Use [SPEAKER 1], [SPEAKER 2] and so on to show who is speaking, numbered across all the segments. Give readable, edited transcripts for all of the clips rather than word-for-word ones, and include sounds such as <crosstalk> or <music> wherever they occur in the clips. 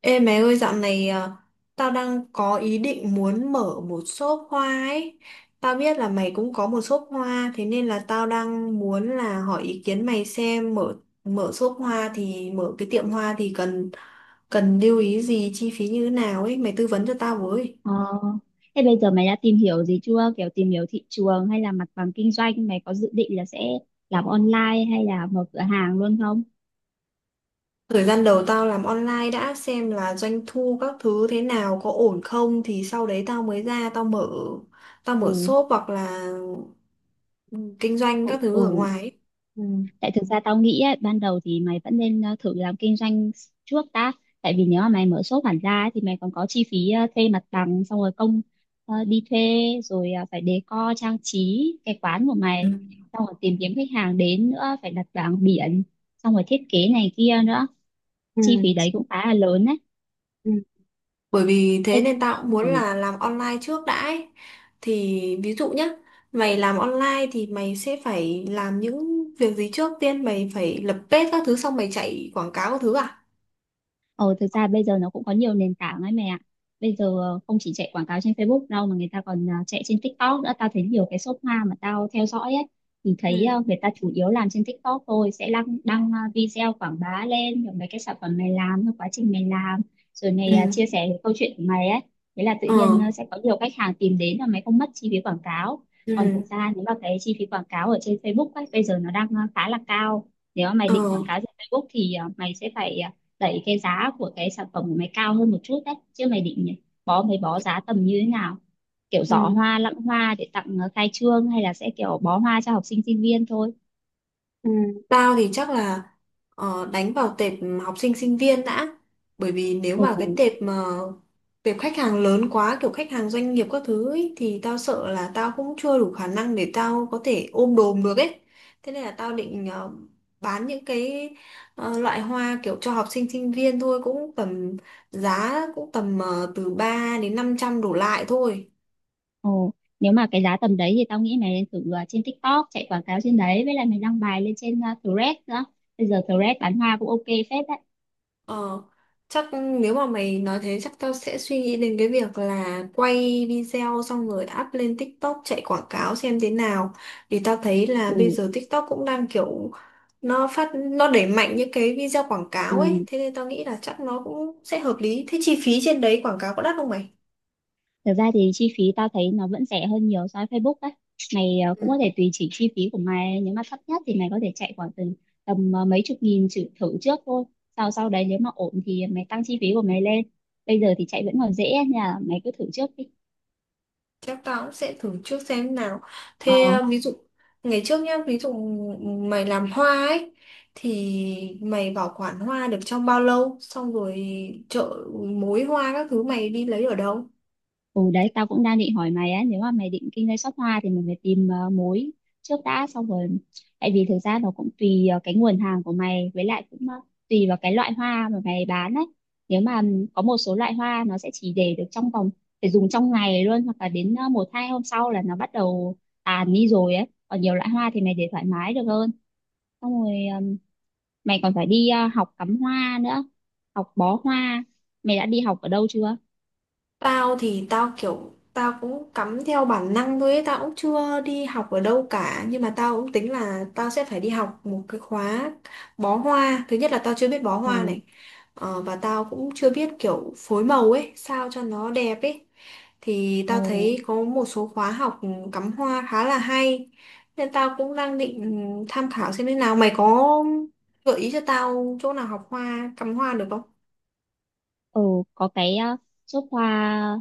[SPEAKER 1] Ê mẹ ơi, dạo này à, tao đang có ý định muốn mở một shop hoa ấy. Tao biết là mày cũng có một shop hoa, thế nên là tao đang muốn là hỏi ý kiến mày xem mở mở shop hoa thì mở cái tiệm hoa thì cần cần lưu ý gì, chi phí như thế nào ấy, mày tư vấn cho tao với.
[SPEAKER 2] Ờ, thế bây giờ mày đã tìm hiểu gì chưa? Kiểu tìm hiểu thị trường hay là mặt bằng kinh doanh, mày có dự định là sẽ làm online hay là mở cửa hàng luôn không?
[SPEAKER 1] Thời gian đầu tao làm online đã, xem là doanh thu các thứ thế nào, có ổn không thì sau đấy tao mới ra tao mở tao
[SPEAKER 2] Ừ,
[SPEAKER 1] mở shop hoặc là kinh doanh
[SPEAKER 2] ừ,
[SPEAKER 1] các
[SPEAKER 2] ừ.
[SPEAKER 1] thứ ở ngoài ấy.
[SPEAKER 2] Tại thực ra tao nghĩ ấy, ban đầu thì mày vẫn nên thử làm kinh doanh trước đã. Tại vì nếu mà mày mở shop hẳn ra ấy, thì mày còn có chi phí thuê mặt bằng, xong rồi công đi thuê, rồi phải decor trang trí cái quán của mày,
[SPEAKER 1] Ừ.
[SPEAKER 2] xong rồi tìm kiếm khách hàng đến nữa, phải đặt bảng biển, xong rồi thiết kế này kia nữa.
[SPEAKER 1] Ừ,
[SPEAKER 2] Chi phí đấy cũng khá là lớn đấy.
[SPEAKER 1] ừ. Bởi vì
[SPEAKER 2] Ê,
[SPEAKER 1] thế nên tao cũng muốn
[SPEAKER 2] ừ.
[SPEAKER 1] là làm online trước đã ấy. Thì ví dụ nhá, mày làm online thì mày sẽ phải làm những việc gì trước tiên? Mày phải lập page các thứ xong mày chạy quảng cáo các thứ à?
[SPEAKER 2] Ờ, thực ra bây giờ nó cũng có nhiều nền tảng ấy mẹ ạ. Bây giờ không chỉ chạy quảng cáo trên Facebook đâu mà người ta còn chạy trên TikTok nữa. Tao thấy nhiều cái shop hoa mà tao theo dõi ấy thì
[SPEAKER 1] Ừ.
[SPEAKER 2] thấy người ta chủ yếu làm trên TikTok thôi, sẽ đăng đăng à, video quảng bá lên rồi mấy cái sản phẩm mày làm, rồi quá trình mày làm, rồi mày
[SPEAKER 1] Ừ.
[SPEAKER 2] chia sẻ cái câu chuyện của mày ấy. Thế là tự
[SPEAKER 1] Ờ.
[SPEAKER 2] nhiên sẽ có nhiều khách hàng tìm đến và mày không mất chi phí quảng cáo. Còn thực
[SPEAKER 1] Ừ.
[SPEAKER 2] ra nếu mà cái chi phí quảng cáo ở trên Facebook ấy bây giờ nó đang khá là cao. Nếu mà mày
[SPEAKER 1] Ờ.
[SPEAKER 2] định quảng cáo trên Facebook thì mày sẽ phải đẩy cái giá của cái sản phẩm của mày cao hơn một chút đấy, chứ mày định bó mấy bó giá tầm như thế nào, kiểu
[SPEAKER 1] Ừ.
[SPEAKER 2] giỏ hoa lẵng hoa để tặng khai trương, hay là sẽ kiểu bó hoa cho học sinh sinh viên thôi?
[SPEAKER 1] Ừ, tao thì chắc là đánh vào tệp học sinh sinh viên đã, bởi vì nếu
[SPEAKER 2] Ồ,
[SPEAKER 1] mà cái tệp mà tệp khách hàng lớn quá, kiểu khách hàng doanh nghiệp các thứ ấy, thì tao sợ là tao cũng chưa đủ khả năng để tao có thể ôm đồm được ấy, thế nên là tao định bán những cái loại hoa kiểu cho học sinh sinh viên thôi, cũng tầm giá cũng tầm từ 3 đến 500 đổ lại thôi.
[SPEAKER 2] ồ, nếu mà cái giá tầm đấy thì tao nghĩ mày nên thử trên TikTok chạy quảng cáo trên đấy, với lại mày đăng bài lên trên Threads nữa. Bây giờ Threads bán hoa cũng ok phết đấy.
[SPEAKER 1] Ờ, chắc nếu mà mày nói thế chắc tao sẽ suy nghĩ đến cái việc là quay video xong rồi up lên TikTok chạy quảng cáo xem thế nào. Thì tao thấy là bây
[SPEAKER 2] Ừ,
[SPEAKER 1] giờ TikTok cũng đang kiểu nó đẩy mạnh những cái video quảng cáo ấy,
[SPEAKER 2] ừ.
[SPEAKER 1] thế nên tao nghĩ là chắc nó cũng sẽ hợp lý. Thế chi phí trên đấy quảng cáo có đắt không mày?
[SPEAKER 2] Thực ra thì chi phí tao thấy nó vẫn rẻ hơn nhiều so với Facebook đấy. Mày cũng
[SPEAKER 1] Ừ.
[SPEAKER 2] có thể tùy chỉnh chi phí của mày, nếu mà thấp nhất thì mày có thể chạy khoảng tầm tầm ờ, mấy chục nghìn thử trước thôi. Sau sau đấy nếu mà ổn thì mày tăng chi phí của mày lên. Bây giờ thì chạy vẫn còn dễ nha, mày cứ thử trước đi.
[SPEAKER 1] Chắc tao cũng sẽ thử trước xem nào. Thế à, ví dụ ngày trước nhá, ví dụ mày làm hoa ấy thì mày bảo quản hoa được trong bao lâu? Xong rồi chợ, mối hoa các thứ mày đi lấy ở đâu?
[SPEAKER 2] Ừ đấy, tao cũng đang định hỏi mày á, nếu mà mày định kinh doanh shop hoa thì mình phải tìm mối trước đã. Xong rồi, tại vì thực ra nó cũng tùy cái nguồn hàng của mày, với lại cũng tùy vào cái loại hoa mà mày bán ấy. Nếu mà có một số loại hoa nó sẽ chỉ để được trong vòng, phải dùng trong ngày luôn, hoặc là đến một hai hôm sau là nó bắt đầu tàn đi rồi ấy, còn nhiều loại hoa thì mày để thoải mái được hơn. Xong rồi ừm, mày còn phải đi học cắm hoa nữa, học bó hoa. Mày đã đi học ở đâu chưa?
[SPEAKER 1] Tao thì tao kiểu tao cũng cắm theo bản năng thôi ấy, tao cũng chưa đi học ở đâu cả, nhưng mà tao cũng tính là tao sẽ phải đi học một cái khóa bó hoa. Thứ nhất là tao chưa biết bó
[SPEAKER 2] Ừ,
[SPEAKER 1] hoa này, và tao cũng chưa biết kiểu phối màu ấy sao cho nó đẹp ấy. Thì tao
[SPEAKER 2] ừ,
[SPEAKER 1] thấy có một số khóa học cắm hoa khá là hay, nên tao cũng đang định tham khảo xem thế nào. Mày có gợi ý cho tao chỗ nào học hoa, cắm hoa được không?
[SPEAKER 2] ừ, có cái nước hoa,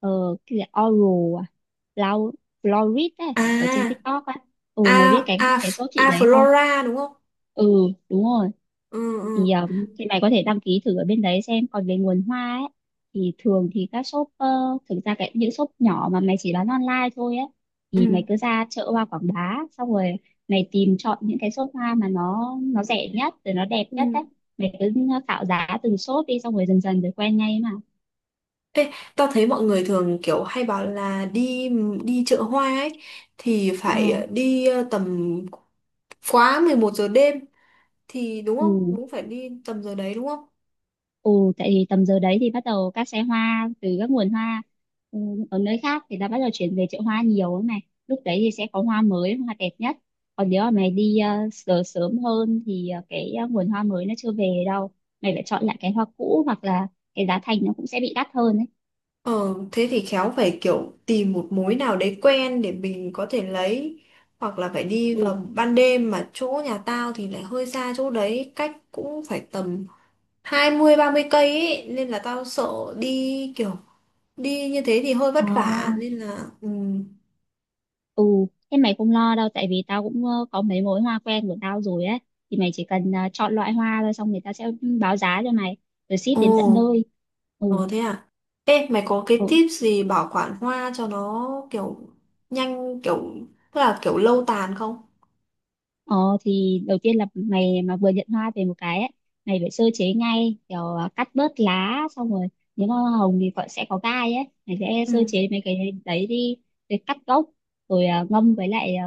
[SPEAKER 2] ờ cái gì Oral à, Flow- Florid ấy,
[SPEAKER 1] À
[SPEAKER 2] ở trên TikTok á. Ừ,
[SPEAKER 1] a
[SPEAKER 2] mày biết cái
[SPEAKER 1] a
[SPEAKER 2] cái shop chị
[SPEAKER 1] a
[SPEAKER 2] đấy không?
[SPEAKER 1] Flora đúng không?
[SPEAKER 2] Ừ, đúng rồi.
[SPEAKER 1] Ừ,
[SPEAKER 2] Thì
[SPEAKER 1] ừ,
[SPEAKER 2] thì mày có thể đăng ký thử ở bên đấy xem. Còn về nguồn hoa ấy thì thường thì các shop thực ra cái những shop nhỏ mà mày chỉ bán online thôi ấy,
[SPEAKER 1] ừ,
[SPEAKER 2] thì mày cứ ra chợ hoa Quảng Bá, xong rồi mày tìm chọn những cái shop hoa mà nó rẻ nhất rồi nó đẹp nhất
[SPEAKER 1] ừ.
[SPEAKER 2] đấy. Mày cứ khảo giá từng shop đi, xong rồi dần dần rồi quen ngay mà.
[SPEAKER 1] Ê, tao thấy mọi người thường kiểu hay bảo là đi đi chợ hoa ấy thì
[SPEAKER 2] ờ
[SPEAKER 1] phải đi tầm quá 11 giờ đêm thì đúng không,
[SPEAKER 2] ừ.
[SPEAKER 1] cũng phải đi tầm giờ đấy đúng không?
[SPEAKER 2] Ừ, tại vì tầm giờ đấy thì bắt đầu các xe hoa từ các nguồn hoa, ừ, ở nơi khác thì đã bắt đầu chuyển về chợ hoa nhiều ấy này. Lúc đấy thì sẽ có hoa mới, hoa đẹp nhất. Còn nếu mà mày đi sớm sớm hơn thì cái nguồn hoa mới nó chưa về đâu. Mày phải chọn lại cái hoa cũ, hoặc là cái giá thành nó cũng sẽ bị đắt hơn ấy.
[SPEAKER 1] Ờ thế thì khéo phải kiểu tìm một mối nào đấy quen để mình có thể lấy, hoặc là phải đi
[SPEAKER 2] Ừ.
[SPEAKER 1] vào ban đêm. Mà chỗ nhà tao thì lại hơi xa chỗ đấy, cách cũng phải tầm 20-30 cây ấy, nên là tao sợ đi kiểu đi như thế thì hơi
[SPEAKER 2] Ờ,
[SPEAKER 1] vất vả nên là ừ.
[SPEAKER 2] ừ, thế mày không lo đâu, tại vì tao cũng có mấy mối hoa quen của tao rồi ấy. Thì mày chỉ cần chọn loại hoa thôi, xong người ta sẽ báo giá cho mày, rồi ship
[SPEAKER 1] Ồ.
[SPEAKER 2] đến tận nơi. Ừ.
[SPEAKER 1] Ồ, thế à. Ê, mày có cái
[SPEAKER 2] Ừ.
[SPEAKER 1] tip gì bảo quản hoa cho nó kiểu nhanh, kiểu tức là kiểu lâu tàn không?
[SPEAKER 2] Ờ thì đầu tiên là mày mà vừa nhận hoa về một cái ấy, mày phải sơ chế ngay kiểu cắt bớt lá, xong rồi nếu mà hoa hồng thì còn sẽ có gai ấy, mày sẽ
[SPEAKER 1] Ừ.
[SPEAKER 2] sơ chế mấy cái đấy đi, rồi cắt gốc, rồi ngâm với lại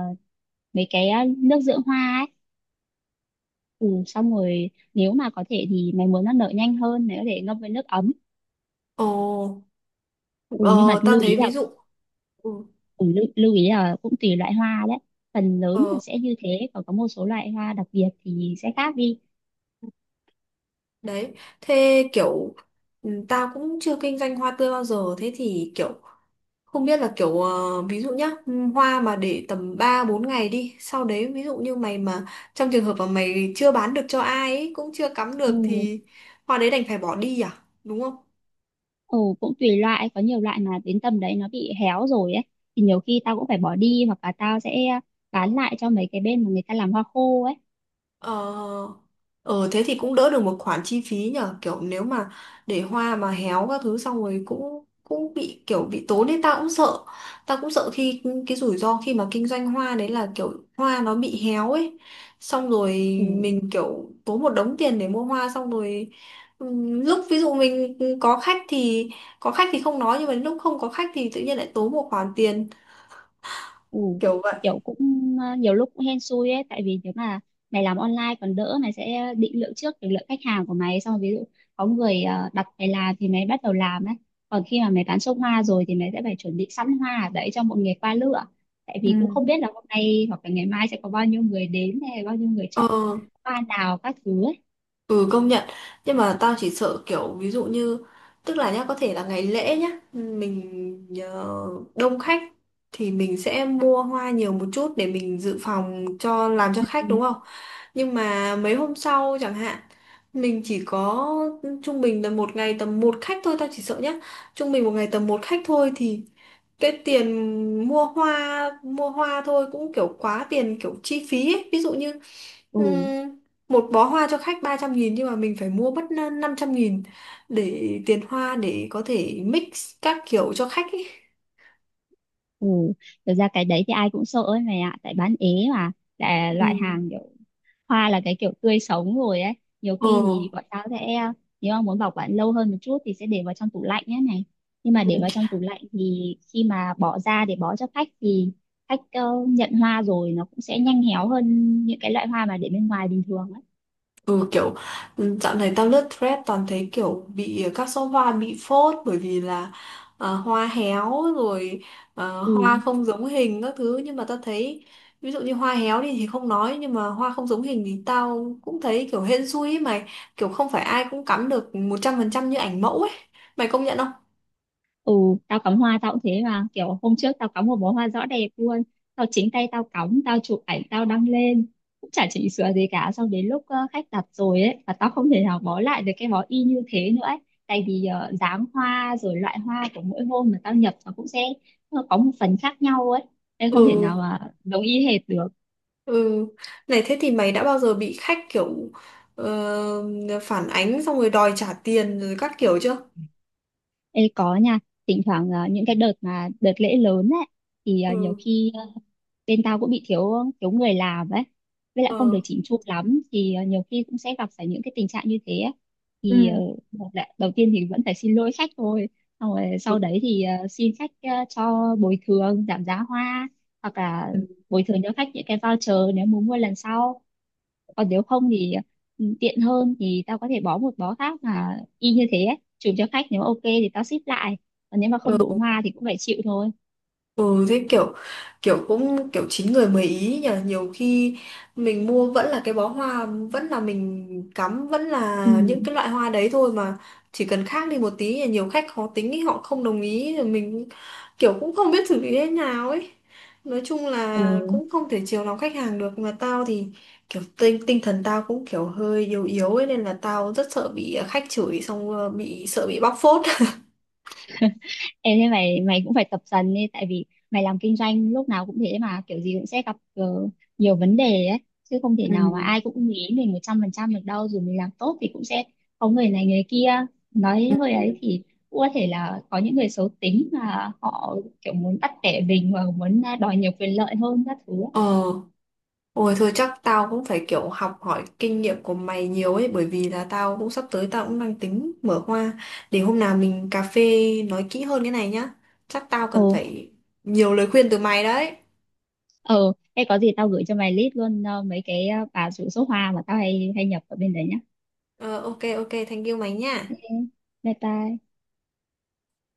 [SPEAKER 2] mấy cái nước dưỡng hoa ấy. Ừ, xong rồi nếu mà có thể thì mày muốn nó nở nhanh hơn, mày có thể ngâm với nước ấm.
[SPEAKER 1] Ồ.
[SPEAKER 2] Ừ, nhưng mà
[SPEAKER 1] ờ Tao thấy ví dụ ừ,
[SPEAKER 2] lưu ý là cũng tùy loại hoa đấy. Phần lớn
[SPEAKER 1] ờ
[SPEAKER 2] là sẽ như thế, còn có một số loại hoa đặc biệt thì sẽ khác đi.
[SPEAKER 1] đấy, thế kiểu tao cũng chưa kinh doanh hoa tươi bao giờ, thế thì kiểu không biết là kiểu ví dụ nhá, hoa mà để tầm 3 4 ngày đi, sau đấy ví dụ như mày mà trong trường hợp mà mày chưa bán được cho ai ấy, cũng chưa cắm
[SPEAKER 2] Ừ.
[SPEAKER 1] được thì hoa đấy đành phải bỏ đi à, đúng không?
[SPEAKER 2] Ồ, cũng tùy loại, có nhiều loại mà đến tầm đấy nó bị héo rồi ấy. Thì nhiều khi tao cũng phải bỏ đi, hoặc là tao sẽ bán lại cho mấy cái bên mà người ta làm hoa khô ấy.
[SPEAKER 1] Ờ. Ờ, thế thì cũng đỡ được một khoản chi phí nhở, kiểu nếu mà để hoa mà héo các thứ xong rồi cũng cũng bị kiểu bị tốn đấy. Ta cũng sợ khi cái rủi ro khi mà kinh doanh hoa đấy là kiểu hoa nó bị héo ấy, xong rồi
[SPEAKER 2] Ừ,
[SPEAKER 1] mình kiểu tốn một đống tiền để mua hoa xong rồi lúc ví dụ mình có khách thì không nói, nhưng mà lúc không có khách thì tự nhiên lại tốn một khoản tiền,
[SPEAKER 2] ừ.
[SPEAKER 1] kiểu vậy.
[SPEAKER 2] Kiểu cũng nhiều lúc cũng hên xui ấy, tại vì nếu mà mày làm online còn đỡ, mày sẽ định lượng trước được lượng khách hàng của mày. Xong rồi ví dụ có người đặt mày làm thì mày bắt đầu làm ấy. Còn khi mà mày bán xong hoa rồi thì mày sẽ phải chuẩn bị sẵn hoa ở đấy cho mọi người qua lựa. Tại
[SPEAKER 1] Ừ.
[SPEAKER 2] vì cũng không biết là hôm nay hoặc là ngày mai sẽ có bao nhiêu người đến, hay bao nhiêu người
[SPEAKER 1] Ờ.
[SPEAKER 2] chọn hoa nào các thứ ấy.
[SPEAKER 1] Ừ, công nhận. Nhưng mà tao chỉ sợ kiểu ví dụ như, tức là nhá, có thể là ngày lễ nhá, mình đông khách thì mình sẽ mua hoa nhiều một chút để mình dự phòng cho làm cho khách đúng
[SPEAKER 2] Ừ,
[SPEAKER 1] không. Nhưng mà mấy hôm sau chẳng hạn, mình chỉ có trung bình là một ngày tầm một khách thôi. Tao chỉ sợ nhá, trung bình một ngày tầm một khách thôi thì cái tiền mua hoa thôi cũng kiểu quá tiền, kiểu chi phí ấy. Ví dụ như
[SPEAKER 2] ừ,
[SPEAKER 1] một bó hoa cho khách 300.000 nhưng mà mình phải mua mất 500.000 để tiền hoa để có thể mix các kiểu cho khách ấy.
[SPEAKER 2] ừ. Thực ra cái đấy thì ai cũng sợ ấy mày ạ, tại bán ế mà, là
[SPEAKER 1] Ừ.
[SPEAKER 2] loại hàng kiểu hoa, là cái kiểu tươi sống rồi ấy. Nhiều
[SPEAKER 1] Ờ,
[SPEAKER 2] khi thì bọn tao sẽ, nếu mà muốn bảo quản lâu hơn một chút thì sẽ để vào trong tủ lạnh ấy này, nhưng mà để vào trong tủ lạnh thì khi mà bỏ ra để bó cho khách thì khách nhận hoa rồi nó cũng sẽ nhanh héo hơn những cái loại hoa mà để bên ngoài bình thường ấy.
[SPEAKER 1] ừ, kiểu dạo này tao lướt Thread toàn thấy kiểu bị các số hoa bị phốt, bởi vì là hoa héo rồi
[SPEAKER 2] Ừ,
[SPEAKER 1] hoa không giống hình các thứ. Nhưng mà tao thấy ví dụ như hoa héo đi thì không nói, nhưng mà hoa không giống hình thì tao cũng thấy kiểu hên xui ấy mày, kiểu không phải ai cũng cắm được 100% như ảnh mẫu ấy, mày công nhận không?
[SPEAKER 2] ừ, tao cắm hoa tao cũng thế mà, kiểu hôm trước tao cắm một bó hoa rõ đẹp luôn, tao chính tay tao cắm, tao chụp ảnh tao đăng lên cũng chả chỉnh sửa gì cả, xong đến lúc khách đặt rồi ấy, và tao không thể nào bó lại được cái bó y như thế nữa ấy. Tại vì dáng hoa rồi loại hoa của mỗi hôm mà tao nhập nó cũng sẽ có một phần khác nhau ấy, nên không thể
[SPEAKER 1] Ừ,
[SPEAKER 2] nào mà giống y hệt được.
[SPEAKER 1] ừ. Này thế thì mày đã bao giờ bị khách kiểu phản ánh xong rồi đòi trả tiền rồi các kiểu chưa?
[SPEAKER 2] Ê, có nha, thỉnh thoảng những cái đợt mà đợt lễ lớn ấy, thì nhiều
[SPEAKER 1] Ừ,
[SPEAKER 2] khi bên tao cũng bị thiếu thiếu người làm ấy, với lại không
[SPEAKER 1] ờ.
[SPEAKER 2] được chỉnh chu lắm, thì nhiều khi cũng sẽ gặp phải những cái tình trạng như thế ấy. Thì một là đầu tiên thì vẫn phải xin lỗi khách thôi, xong rồi sau đấy thì xin khách cho bồi thường giảm giá hoa, hoặc là
[SPEAKER 1] Ừ.
[SPEAKER 2] bồi thường cho khách những cái voucher nếu muốn mua lần sau. Còn nếu không thì, tiện hơn thì tao có thể bó một bó khác mà y như thế ấy, chụp cho khách, nếu ok thì tao ship lại. Còn nếu mà không đủ hoa thì cũng phải chịu thôi.
[SPEAKER 1] Ừ, thế kiểu kiểu cũng kiểu chín người mười ý nhỉ. Nhiều khi mình mua vẫn là cái bó hoa, vẫn là mình cắm, vẫn
[SPEAKER 2] Ừ.
[SPEAKER 1] là những cái loại hoa đấy thôi, mà chỉ cần khác đi một tí là nhiều khách khó tính ý, họ không đồng ý rồi mình kiểu cũng không biết xử lý thế nào ấy. Nói chung
[SPEAKER 2] Ừ.
[SPEAKER 1] là cũng không thể chiều lòng khách hàng được, mà tao thì kiểu tinh tinh thần tao cũng kiểu hơi yếu yếu ấy, nên là tao rất sợ bị khách chửi, xong bị sợ bị bóc phốt. <laughs>
[SPEAKER 2] Em, thế mày mày cũng phải tập dần đi, tại vì mày làm kinh doanh lúc nào cũng thế mà, kiểu gì cũng sẽ gặp nhiều vấn đề ấy, chứ không thể nào mà
[SPEAKER 1] Ừ.
[SPEAKER 2] ai cũng nghĩ mình 100% được đâu. Dù mình làm tốt thì cũng sẽ có người này người kia nói
[SPEAKER 1] Ừ.
[SPEAKER 2] hơi ấy, thì cũng có thể là có những người xấu tính mà họ kiểu muốn bắt bẻ mình, và muốn đòi nhiều quyền lợi hơn các thứ ấy.
[SPEAKER 1] Ờ. Ôi thôi, chắc tao cũng phải kiểu học hỏi kinh nghiệm của mày nhiều ấy, bởi vì là tao cũng sắp tới tao cũng đang tính mở hoa. Để hôm nào mình cà phê nói kỹ hơn cái này nhá. Chắc tao
[SPEAKER 2] Ồ,
[SPEAKER 1] cần phải nhiều lời khuyên từ mày đấy.
[SPEAKER 2] ờ, thế có gì tao gửi cho mày list luôn, mấy cái bà rủ số hoa mà tao hay hay nhập ở bên đấy nhá.
[SPEAKER 1] Ờ, ok ok, thank you mày nha.
[SPEAKER 2] Ok, bye bye.